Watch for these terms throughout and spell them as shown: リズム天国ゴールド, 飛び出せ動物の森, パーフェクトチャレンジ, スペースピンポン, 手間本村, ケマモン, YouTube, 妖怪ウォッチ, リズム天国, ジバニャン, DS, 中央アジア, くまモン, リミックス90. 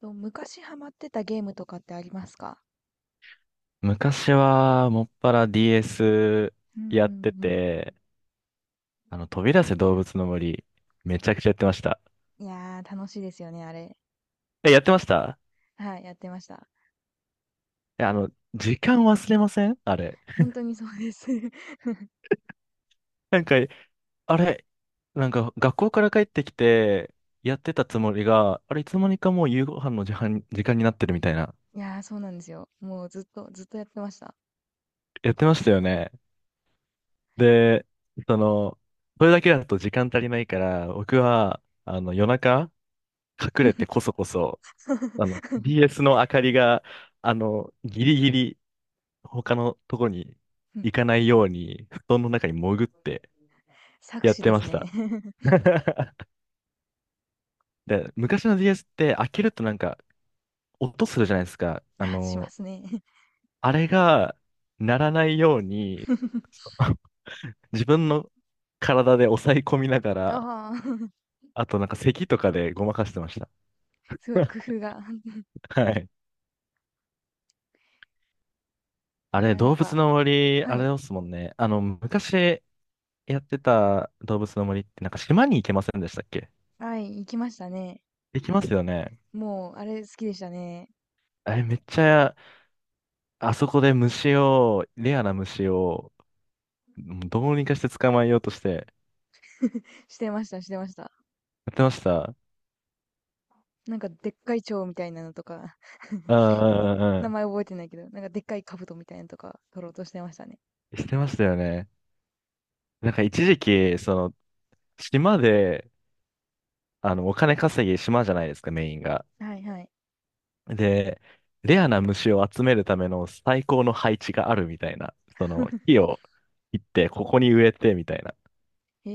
と、昔ハマってたゲームとかってありますか？昔は、もっぱら DS うんうんうやってん。て、飛び出せ動物の森、めちゃくちゃやってました。いやー、楽しいですよね、あれ。え、やってました？はい、やってました。え、時間忘れません？あれ。本当にそうです。なんか、あれ、なんか、学校から帰ってきて、やってたつもりが、あれ、いつの間にかもう夕ご飯の時間になってるみたいな。いやー、そうなんですよ。もうずっと、ずっとやってました。やってましたよね。で、その、それだけだと時間足りないから、僕は、夜中、隠れてこそこそ、BS の明かりが、ギリギリ他のとこにうん行かないように、布団の中に潜って作やっ詞てでますした。ね。で、昔の DS って開けるとなんか音するじゃないですか。ああ、しまの、すね。あれが鳴らないように、そ の 自分の体で抑え込みながら、ああ、あとなんか咳とかでごまかしてました。すごい工 夫が。はい。あいれ、やー、なん動物か、の森、はあい、れですもんね。あの、昔、やってた動物の森ってなんか島に行けませんでしたっけ？はい、行きましたね。行きますよね。もう、あれ好きでしたね。あれめっちゃ、あそこで虫を、レアな虫を、もうどうにかして捕まえようとして、や してました、してました。ってました。なんか、でっかい蝶みたいなのとか。うんうんうんう名ん。前覚えてないけど、なんかでっかい兜みたいなのとか取ろうとしてましたね。してましたよね。なんか一時期、島で、あの、お金稼ぎ島じゃないですか、メインが。はいはい。で、レアな虫を集めるための最高の配置があるみたいな。その、木 を切って、ここに植えて、みたいな。へ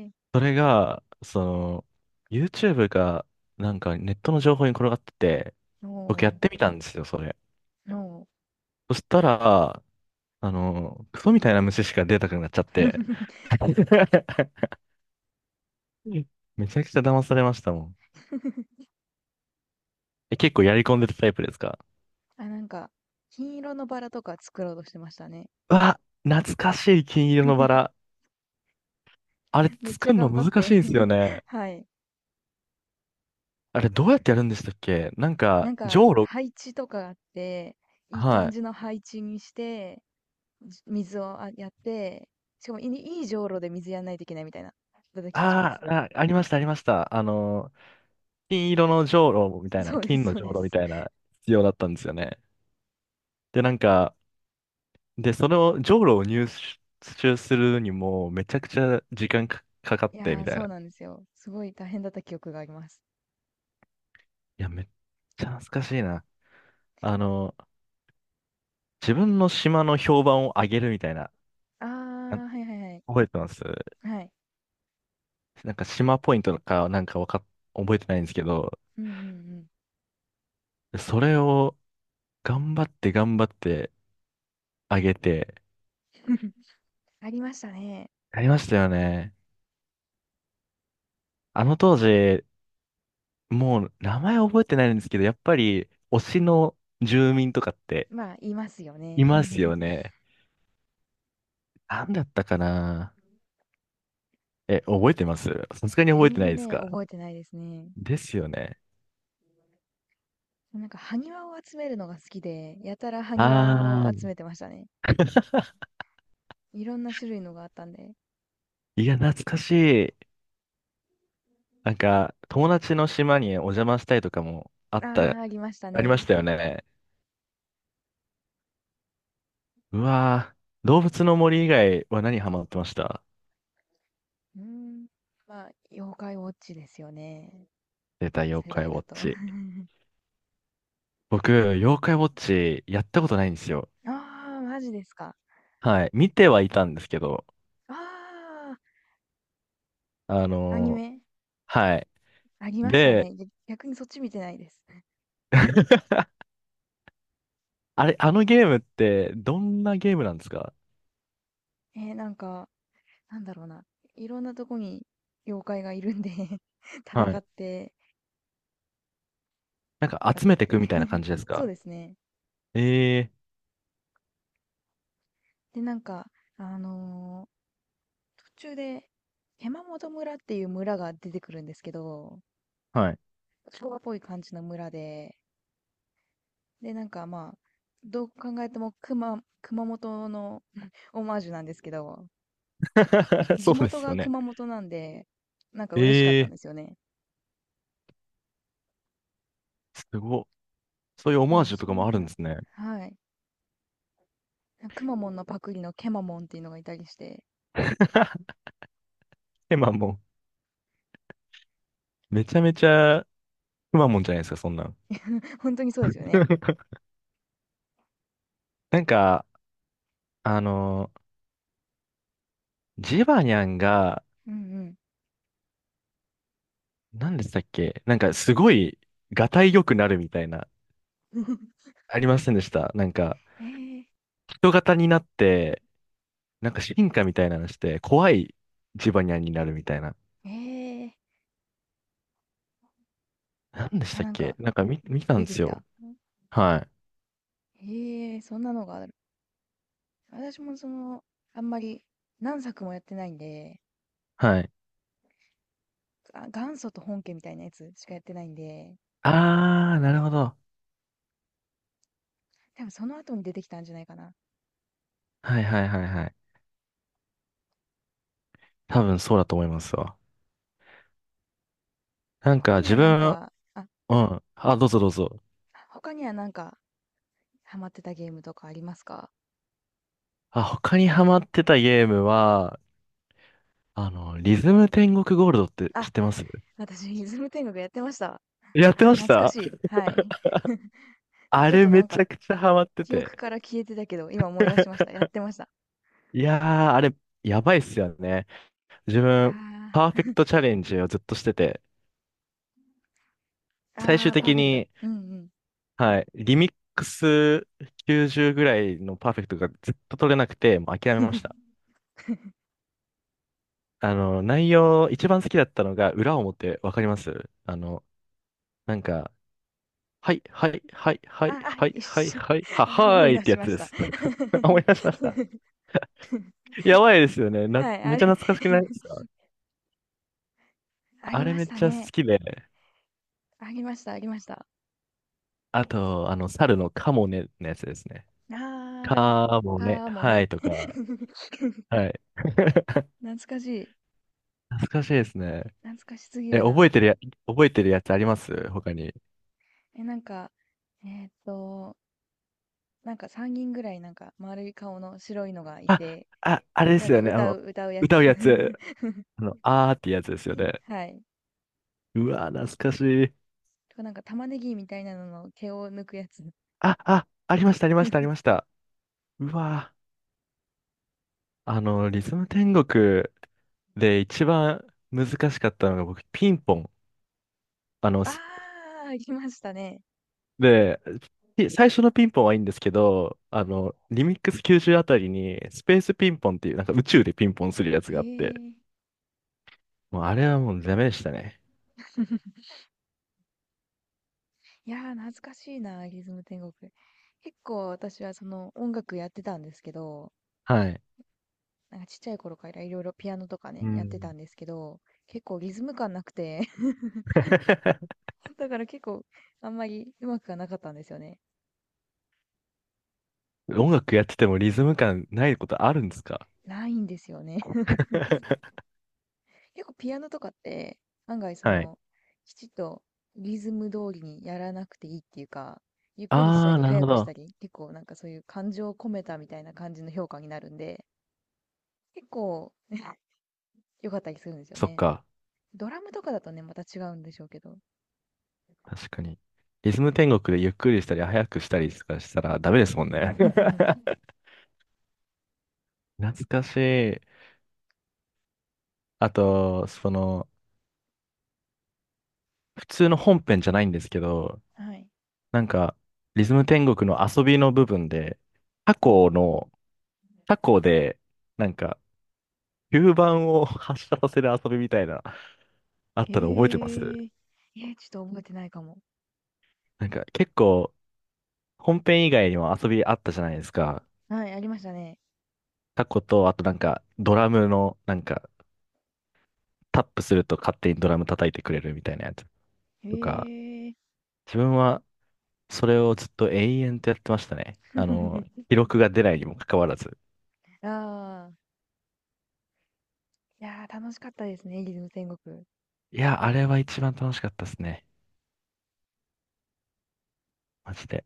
えー、それが、その、YouTube が、なんかネットの情報に転がってて、僕やっおてみたんですよ、それ。ー、おー。そしたら、クソみたいな虫しか出たくなっちゃって。めちゃくちゃ騙されましたもん。え、結構やり込んでたタイプですか？あ、なんか、金色のバラとか作ろうとしてましたね。うわ、懐かしい金色のバラ。あれめっち作ゃるの頑張っ難して いんですよ ね。はい。あれどうやってやるんでしたっけ？なんなか、んじか、ょうろ、配置とかあって、いいは感い。じの配置にして、水をやって、しかもいいじょうろで水やんないといけないみたいな、だった気がします。あーあ、ありました、ありました。あの金色のじょうろみたいな、そうで金す、のそうじょうでろみす。たいな必要だったんですよね。で、なんか、で、そのじょうろを入手するにも、めちゃくちゃ時間か、かかっいて、やみー、たいそうな。なんですよ。すごい大変だった記憶があります。いや、めっちゃ懐かしいな。あの、自分の島の評判を上げるみたいな、あな、あ、はいはいはい。覚えてます？はい。なんか島ポイントか、なんかわかっ、覚えてないんですけど、うんうんうん。それを頑張って上げて、ありましたね。やりましたよね。あの当時、もう名前覚えてないんですけど、やっぱり推しの住民とかってまあ、言いますよね。います よね。なんだったかな。え、覚えてます？さすがに覚え全てない然ですね、か？覚えてないですね。ですよね。なんか、埴輪を集めるのが好きで、やたら埴輪を集あめてましたね。いろんな種類のがあったんで。ー、いや、懐かしい。なんか、友達の島にお邪魔したいとかもあっあた、あ、ありましたありましね。たよね。うわー、動物の森以外は何ハマってました？うーん。まあ、妖怪ウォッチですよね。出あた、の妖世怪ウ代ォだッと。あチ。僕、妖怪ウォッチやったことないんですよ。あ、マジですか。はい、見てはいたんですけど、ああ、あアニのーメはい。ありましたで、ね。逆にそっち見てないです。あれ、あのゲームってどんなゲームなんですか？なんか、なんだろうな、いろんなとこに妖怪がいるんで は戦い。って、なんか戦集っめていくみて たいな感 じですそうか？ですね。ええ、で、なんか、あの途中で、手間本村っていう村が出てくるんですけど、ーはい。昭和っぽい感じの村で、で、なんかまあ、どう考えても熊本の オマージュなんですけど、そ地うで元すよがね。熊本なんで、なんか嬉しかっえたんえですー、よね。すごっ。そういうオまあマーでもジュとそかもあんるんな、ですね。はい。熊本のパクリのケマモンっていうのがいたりして、くまあもうめちゃめちゃくまモンじゃないですか、そんなん。ほんとにそうですよね。なんか、あの、ジバニャンが、うん何でしたっけ？なんかすごい、がたい良くなるみたいな、うん。ありませんでした？なんか、ええ、人型になって、なんか進化みたいなのして、怖いジバニャンになるみたいな。ええ。なんでしあ、たっなんけ？か見たん出でてすきた。よ。はい。へえ、そんなのがある。私もその、あんまり何作もやってないんで、はい。あ、元祖と本家みたいなやつしかやってないんで、あー、なるほど。多分その後に出てきたんじゃないかな。はいはいはいはい。多分そうだと思いますわ。なん他かには自なん分、か、あ、うん。あ、どうぞどうぞ。他にはなんかハマってたゲームとかありますか？あ、他にハマってたゲームは、あの、リズム天国ゴールドって知あ、ってます？私、イズム天国やってました。やっあ、てまし懐かた？しい。はい。あちょっれとなめんちかゃくちゃハマって記憶て。から消えてたけど、今思い出しました。やってました。いやー、あれ、やばいっすよね。自いや分、パーフェクトチャレンジをずっとしてて、最ー、終あー、パー的フェクト。にうんはい。リミックス90ぐらいのパーフェクトがずっと取れなくて、もう諦めうまん。し た。あの、内容、一番好きだったのが、裏表、わかります？あの、なんか、はい、はい、はい、はあ、い、あ、はい、一はい、瞬、はい、は、あは思ーいいっ出てしやつましでた。す。思い出しました。やばいですよね。な、はい、めあっちれ ゃ懐かしくないです か？ありあれまめしったちゃ好ね。きで。ありました、ありました。あと、あの、猿のカモネのやつですね。あー、カモネ、かもはね。いとか、はい。懐かしい。懐かしいですね。懐かしすぎえ、るな。覚えてるや、覚えてるやつあります他に。え、なんか、えーっと、なんか3人ぐらいなんか丸い顔の白いのがいあ、て、あ、あれでなんすかよね。あ歌の、う、歌うや歌つ。うやつ。あの、あーってやつですよね。はい。うわー、懐かしい。とかなんか玉ねぎみたいなのの毛を抜くやつ。あ、あ、ありました、ありました、ありました。うわー。あの、リズム天国で一番難しかったのが僕、ピンポン。あの、あすあ。行きましたね。で、ピ最初のピンポンはいいんですけど、あの、リミックス90あたりに、スペースピンポンっていう、なんか宇宙でピンポンするやつへがあって、え。もうあれはもうダメでしたね。いやー、懐かしいな、リズム天国。結構私はその音楽やってたんですけど、はい。なんかちっちゃい頃からいろいろピアノとかうね、やってたん。んですけど、結構リズム感なくて、だから結構あんまりうまくはなかったんですよね。音楽やっててもリズム感ないことあるんですか？ ないんですよね。結構ピアノとかって案外そはい。のきちっとリズム通りにやらなくていいっていうか、ゆっくりしたありー、なる早ほくしたど。り、結構なんかそういう感情を込めたみたいな感じの評価になるんで、結構ね 良かったりするんですよそっね。か。ドラムとかだとねまた違うんでしょうけど。確かに。リズム天国でゆっくりしたり、早くしたりとかしたらダメですもんね。懐かしい。あと、その、普通の本編じゃないんですけど、はい。なんか、リズム天国の遊びの部分で、タうんうコん。の、タコで、なんか、吸盤を発射させる遊びみたいな、あったの覚えてます？へえ。ちょっと覚えてないかも。なんか、結構、本編以外にも遊びあったじゃないですか。はい、ありましたね。タコと、あとなんか、ドラムの、なんか、タップすると勝手にドラム叩いてくれるみたいなやつとか、へえ。自分はそれをずっと永遠とやってましたね。あの、記録が出ないにもかかわらず。ああ。いやー楽しかったですね、リズム天国。いや、あれは一番楽しかったですね。マジで。